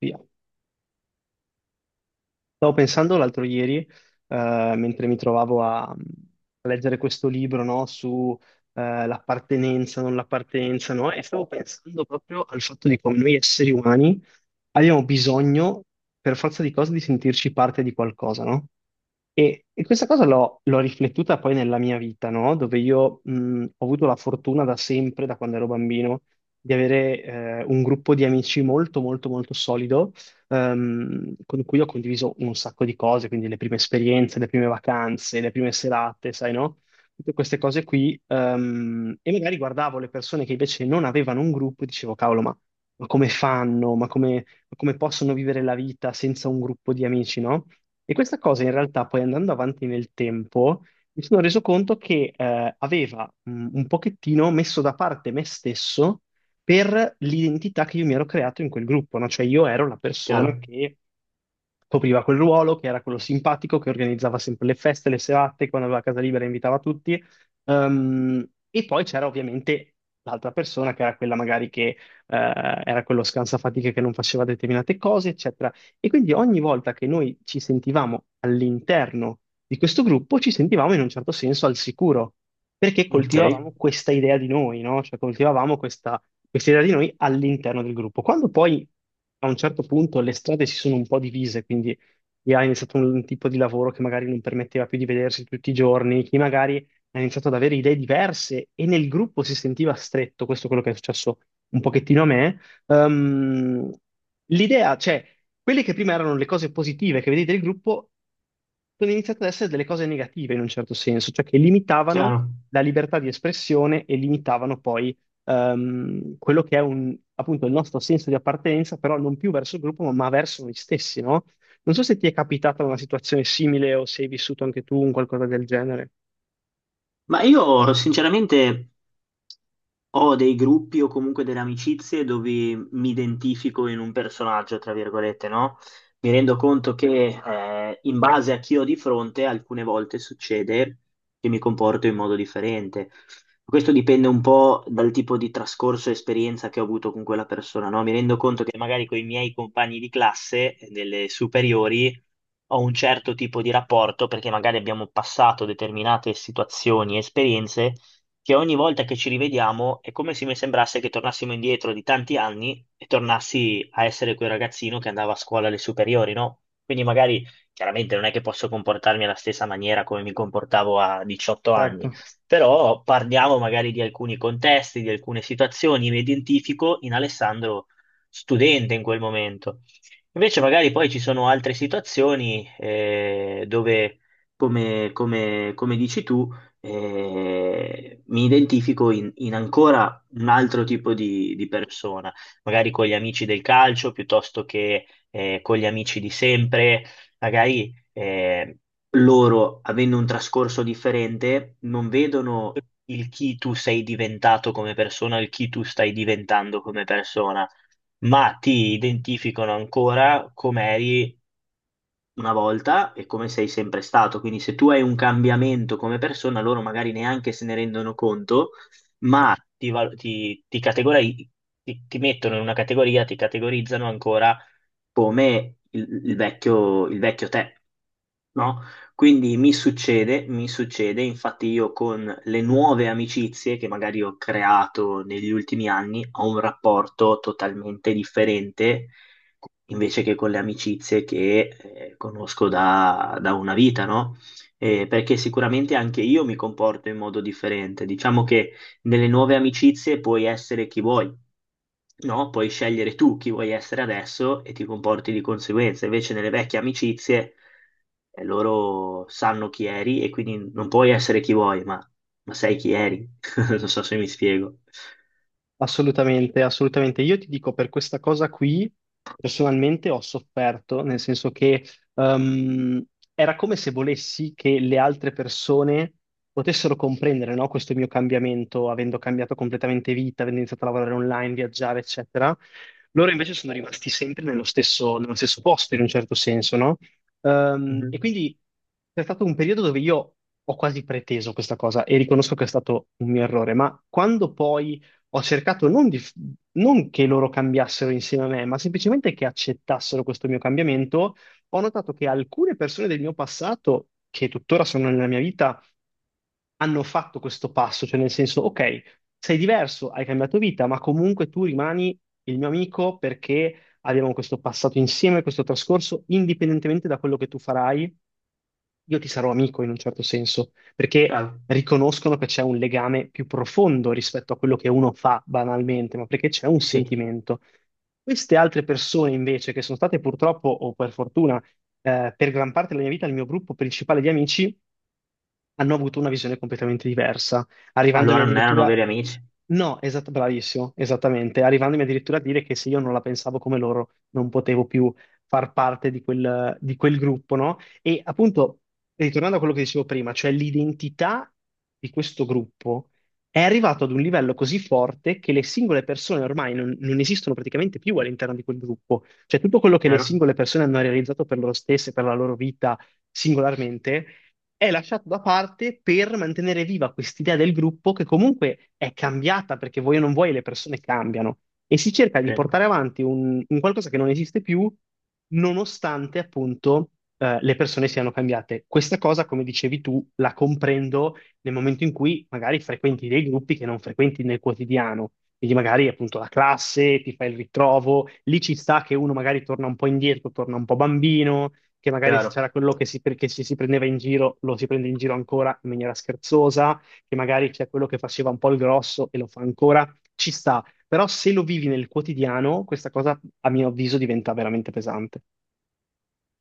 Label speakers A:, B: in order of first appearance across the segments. A: Via. Stavo pensando l'altro ieri, mentre mi trovavo a leggere questo libro, no, su l'appartenenza, non l'appartenenza, no, e stavo pensando proprio al fatto di come noi esseri umani abbiamo bisogno, per forza di cose, di sentirci parte di qualcosa, no? E questa cosa l'ho riflettuta poi nella mia vita, no? Dove io ho avuto la fortuna da sempre, da quando ero bambino, di avere un gruppo di amici molto, molto, molto solido. Con cui ho condiviso un sacco di cose, quindi le prime esperienze, le prime vacanze, le prime serate, sai, no? Tutte queste cose qui. E magari guardavo le persone che invece non avevano un gruppo e dicevo, cavolo, ma come fanno? Ma come possono vivere la vita senza un gruppo di amici, no? E questa cosa in realtà poi andando avanti nel tempo mi sono reso conto che aveva un pochettino messo da parte me stesso per l'identità che io mi ero creato in quel gruppo, no? Cioè io ero la
B: Chiaro,
A: persona che copriva quel ruolo, che era quello simpatico, che organizzava sempre le feste, le serate, quando aveva casa libera invitava tutti. E poi c'era ovviamente l'altra persona che era quella magari che era quello scansafatiche che non faceva determinate cose, eccetera. E quindi ogni volta che noi ci sentivamo all'interno di questo gruppo, ci sentivamo in un certo senso al sicuro, perché
B: okay,
A: coltivavamo questa idea di noi, no? Cioè coltivavamo questa idea di noi all'interno del gruppo. Quando poi a un certo punto le strade si sono un po' divise, quindi chi ha iniziato un tipo di lavoro che magari non permetteva più di vedersi tutti i giorni, chi magari ha iniziato ad avere idee diverse e nel gruppo si sentiva stretto, questo è quello che è successo un pochettino a me, ehm, l'idea, cioè, quelle che prima erano le cose positive che vedete del gruppo sono iniziate ad essere delle cose negative in un certo senso, cioè che limitavano
B: chiaro.
A: la libertà di espressione e limitavano poi quello che è un, appunto il nostro senso di appartenenza, però non più verso il gruppo, ma verso noi stessi, no? Non so se ti è capitata una situazione simile o se hai vissuto anche tu un qualcosa del genere.
B: Ma io sinceramente ho dei gruppi o comunque delle amicizie dove mi identifico in un personaggio, tra virgolette, no? Mi rendo conto che in base a chi ho di fronte, alcune volte succede che mi comporto in modo differente. Questo dipende un po' dal tipo di trascorso e esperienza che ho avuto con quella persona, no? Mi rendo conto che magari con i miei compagni di classe, delle superiori, ho un certo tipo di rapporto perché magari abbiamo passato determinate situazioni e esperienze che ogni volta che ci rivediamo è come se mi sembrasse che tornassimo indietro di tanti anni e tornassi a essere quel ragazzino che andava a scuola alle superiori, no? Quindi magari chiaramente non è che posso comportarmi alla stessa maniera come mi comportavo a 18
A: Certo.
B: anni, però parliamo magari di alcuni contesti, di alcune situazioni, mi identifico in Alessandro studente in quel momento. Invece magari poi ci sono altre situazioni dove come dici tu, mi identifico in ancora un altro tipo di persona, magari con gli amici del calcio piuttosto che con gli amici di sempre, magari loro, avendo un trascorso differente, non vedono il chi tu sei diventato come persona, il chi tu stai diventando come persona, ma ti identificano ancora come eri una volta e come sei sempre stato. Quindi se tu hai un cambiamento come persona, loro magari neanche se ne rendono conto, ma ti mettono in una categoria, ti categorizzano ancora come il vecchio te, no? Quindi mi succede, infatti io con le nuove amicizie che magari ho creato negli ultimi anni ho un rapporto totalmente differente invece che con le amicizie che conosco da una vita, no? Perché sicuramente anche io mi comporto in modo differente. Diciamo che nelle nuove amicizie puoi essere chi vuoi. No, puoi scegliere tu chi vuoi essere adesso e ti comporti di conseguenza. Invece nelle vecchie amicizie loro sanno chi eri e quindi non puoi essere chi vuoi, ma sai chi eri. Non so se mi spiego.
A: Assolutamente, assolutamente. Io ti dico, per questa cosa qui, personalmente ho sofferto, nel senso che ehm, era come se volessi che le altre persone potessero comprendere, no, questo mio cambiamento, avendo cambiato completamente vita, avendo iniziato a lavorare online, viaggiare, eccetera. Loro invece sono rimasti sempre nello stesso posto, in un certo senso, no? E
B: Mhm.
A: quindi c'è stato un periodo dove io ho quasi preteso questa cosa e riconosco che è stato un mio errore, ma quando poi ho cercato non, di, non che loro cambiassero insieme a me, ma semplicemente che accettassero questo mio cambiamento, ho notato che alcune persone del mio passato, che tuttora sono nella mia vita, hanno fatto questo passo, cioè nel senso, ok, sei diverso, hai cambiato vita, ma comunque tu rimani il mio amico perché abbiamo questo passato insieme, questo trascorso, indipendentemente da quello che tu farai io ti sarò amico in un certo senso, perché
B: Chiaro?
A: riconoscono che c'è un legame più profondo rispetto a quello che uno fa banalmente, ma perché c'è un
B: Sì.
A: sentimento. Queste altre persone invece, che sono state purtroppo o per fortuna, per gran parte della mia vita il mio gruppo principale di amici, hanno avuto una visione completamente diversa, arrivandomi
B: Allora non erano
A: addirittura...
B: veri amici,
A: No, esatto, bravissimo, esattamente, arrivandomi addirittura a dire che se io non la pensavo come loro non potevo più far parte di quel gruppo, no? E appunto, ritornando a quello che dicevo prima, cioè l'identità di questo gruppo è arrivato ad un livello così forte che le singole persone ormai non, non esistono praticamente più all'interno di quel gruppo. Cioè tutto quello che le
B: chiaro?
A: singole persone hanno realizzato per loro stesse, per la loro vita singolarmente, è lasciato da parte per mantenere viva quest'idea del gruppo che comunque è cambiata perché vuoi o non vuoi le persone cambiano e si cerca di
B: Sì,
A: portare avanti un qualcosa che non esiste più nonostante appunto le persone siano cambiate. Questa cosa, come dicevi tu, la comprendo nel momento in cui magari frequenti dei gruppi che non frequenti nel quotidiano. Quindi magari appunto la classe, ti fai il ritrovo, lì ci sta che uno magari torna un po' indietro, torna un po' bambino, che magari se
B: chiaro.
A: c'era quello che si, che ci si prendeva in giro, lo si prende in giro ancora in maniera scherzosa, che magari c'è quello che faceva un po' il grosso e lo fa ancora, ci sta. Però se lo vivi nel quotidiano, questa cosa, a mio avviso, diventa veramente pesante.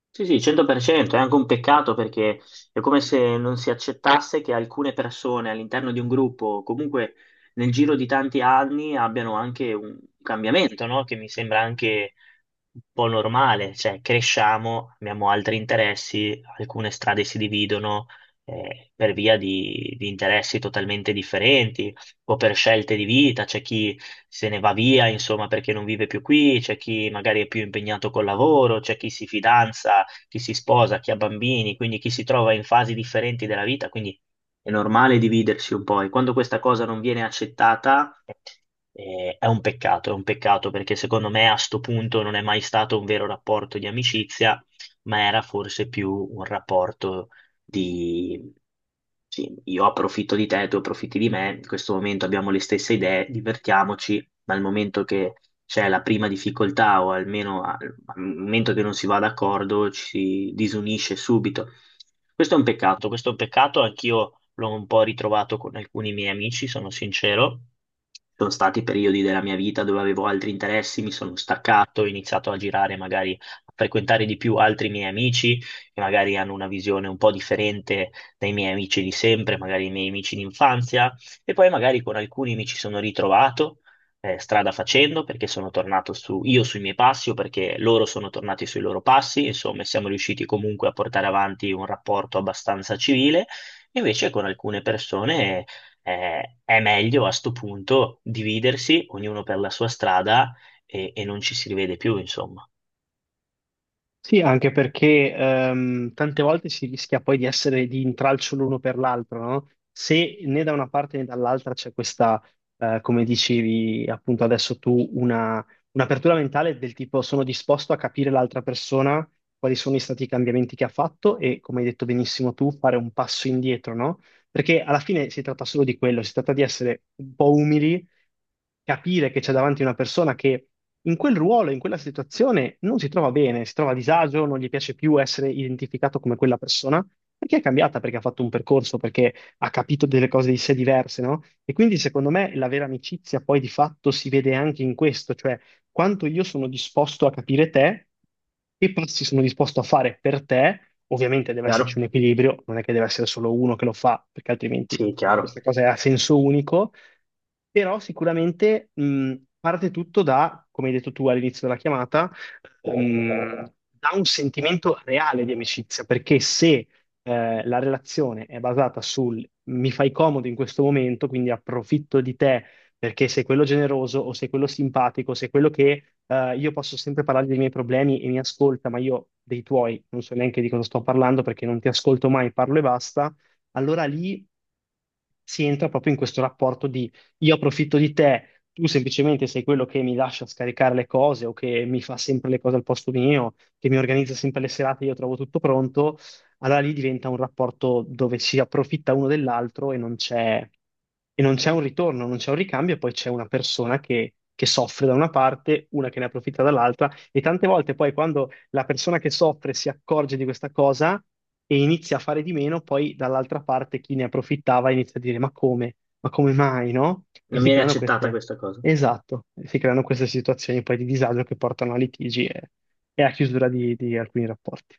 B: Sì, sì, 100%, è anche un peccato perché è come se non si accettasse che alcune persone all'interno di un gruppo, o comunque nel giro di tanti anni, abbiano anche un cambiamento, no? Che mi sembra anche un po' normale, cioè cresciamo, abbiamo altri interessi, alcune strade si dividono per via di interessi totalmente differenti o per scelte di vita, c'è chi se ne va via, insomma, perché non vive più qui, c'è chi magari è più impegnato col lavoro, c'è chi si fidanza, chi si sposa, chi ha bambini, quindi chi si trova in fasi differenti della vita, quindi è normale dividersi un po', e quando questa cosa non viene accettata è un peccato perché secondo me a sto punto non è mai stato un vero rapporto di amicizia, ma era forse più un rapporto di sì, io approfitto di te, tu approfitti di me, in questo momento abbiamo le stesse idee, divertiamoci, dal momento che c'è la prima difficoltà o almeno al momento che non si va d'accordo ci si disunisce subito. Questo è un peccato, questo è un peccato, anch'io l'ho un po' ritrovato con alcuni miei amici, sono sincero. Ci sono stati periodi della mia vita dove avevo altri interessi, mi sono staccato, ho iniziato a girare, magari a frequentare di più altri miei amici che magari hanno una visione un po' differente dai miei amici di sempre, magari i miei amici d'infanzia, e poi magari con alcuni mi ci sono ritrovato strada facendo perché sono tornato su, io sui miei passi o perché loro sono tornati sui loro passi, insomma, siamo riusciti comunque a portare avanti un rapporto abbastanza civile. Invece con alcune persone è meglio a sto punto dividersi, ognuno per la sua strada, e non ci si rivede più, insomma.
A: Sì, anche perché tante volte si rischia poi di essere di intralcio l'uno per l'altro, no? Se né da una parte né dall'altra c'è questa, come dicevi appunto adesso tu, una, un'apertura mentale del tipo sono disposto a capire l'altra persona, quali sono stati i cambiamenti che ha fatto e, come hai detto benissimo tu, fare un passo indietro, no? Perché alla fine si tratta solo di quello, si tratta di essere un po' umili capire che c'è davanti una persona che in quel ruolo, in quella situazione non si trova bene, si trova a disagio, non gli piace più essere identificato come quella persona, perché è cambiata, perché ha fatto un percorso, perché ha capito delle cose di sé diverse, no? E quindi secondo me la vera amicizia poi di fatto si vede anche in questo, cioè quanto io sono disposto a capire te, che passi sono disposto a fare per te, ovviamente deve
B: Chiaro?
A: esserci un equilibrio, non è che deve essere solo uno che lo fa, perché altrimenti
B: Sì,
A: questa
B: chiaro.
A: cosa è a senso unico, però sicuramente parte tutto da, come hai detto tu all'inizio della chiamata, mh, da un sentimento reale di amicizia, perché se la relazione è basata sul mi fai comodo in questo momento, quindi approfitto di te perché sei quello generoso o sei quello simpatico, sei quello che io posso sempre parlare dei miei problemi e mi ascolta, ma io dei tuoi non so neanche di cosa sto parlando perché non ti ascolto mai, parlo e basta, allora lì si entra proprio in questo rapporto di io approfitto di te, tu semplicemente sei quello che mi lascia scaricare le cose o che mi fa sempre le cose al posto mio, che mi organizza sempre le serate, io trovo tutto pronto. Allora lì diventa un rapporto dove si approfitta uno dell'altro e non c'è un ritorno, non c'è un ricambio, e poi c'è una persona che soffre da una parte, una che ne approfitta dall'altra. E tante volte poi quando la persona che soffre si accorge di questa cosa e inizia a fare di meno, poi dall'altra parte chi ne approfittava inizia a dire ma come? Ma come mai, no? E
B: Non
A: si
B: viene
A: creano
B: accettata
A: queste,
B: questa cosa.
A: esatto, si creano queste situazioni poi di disagio che portano a litigi e a chiusura di alcuni rapporti.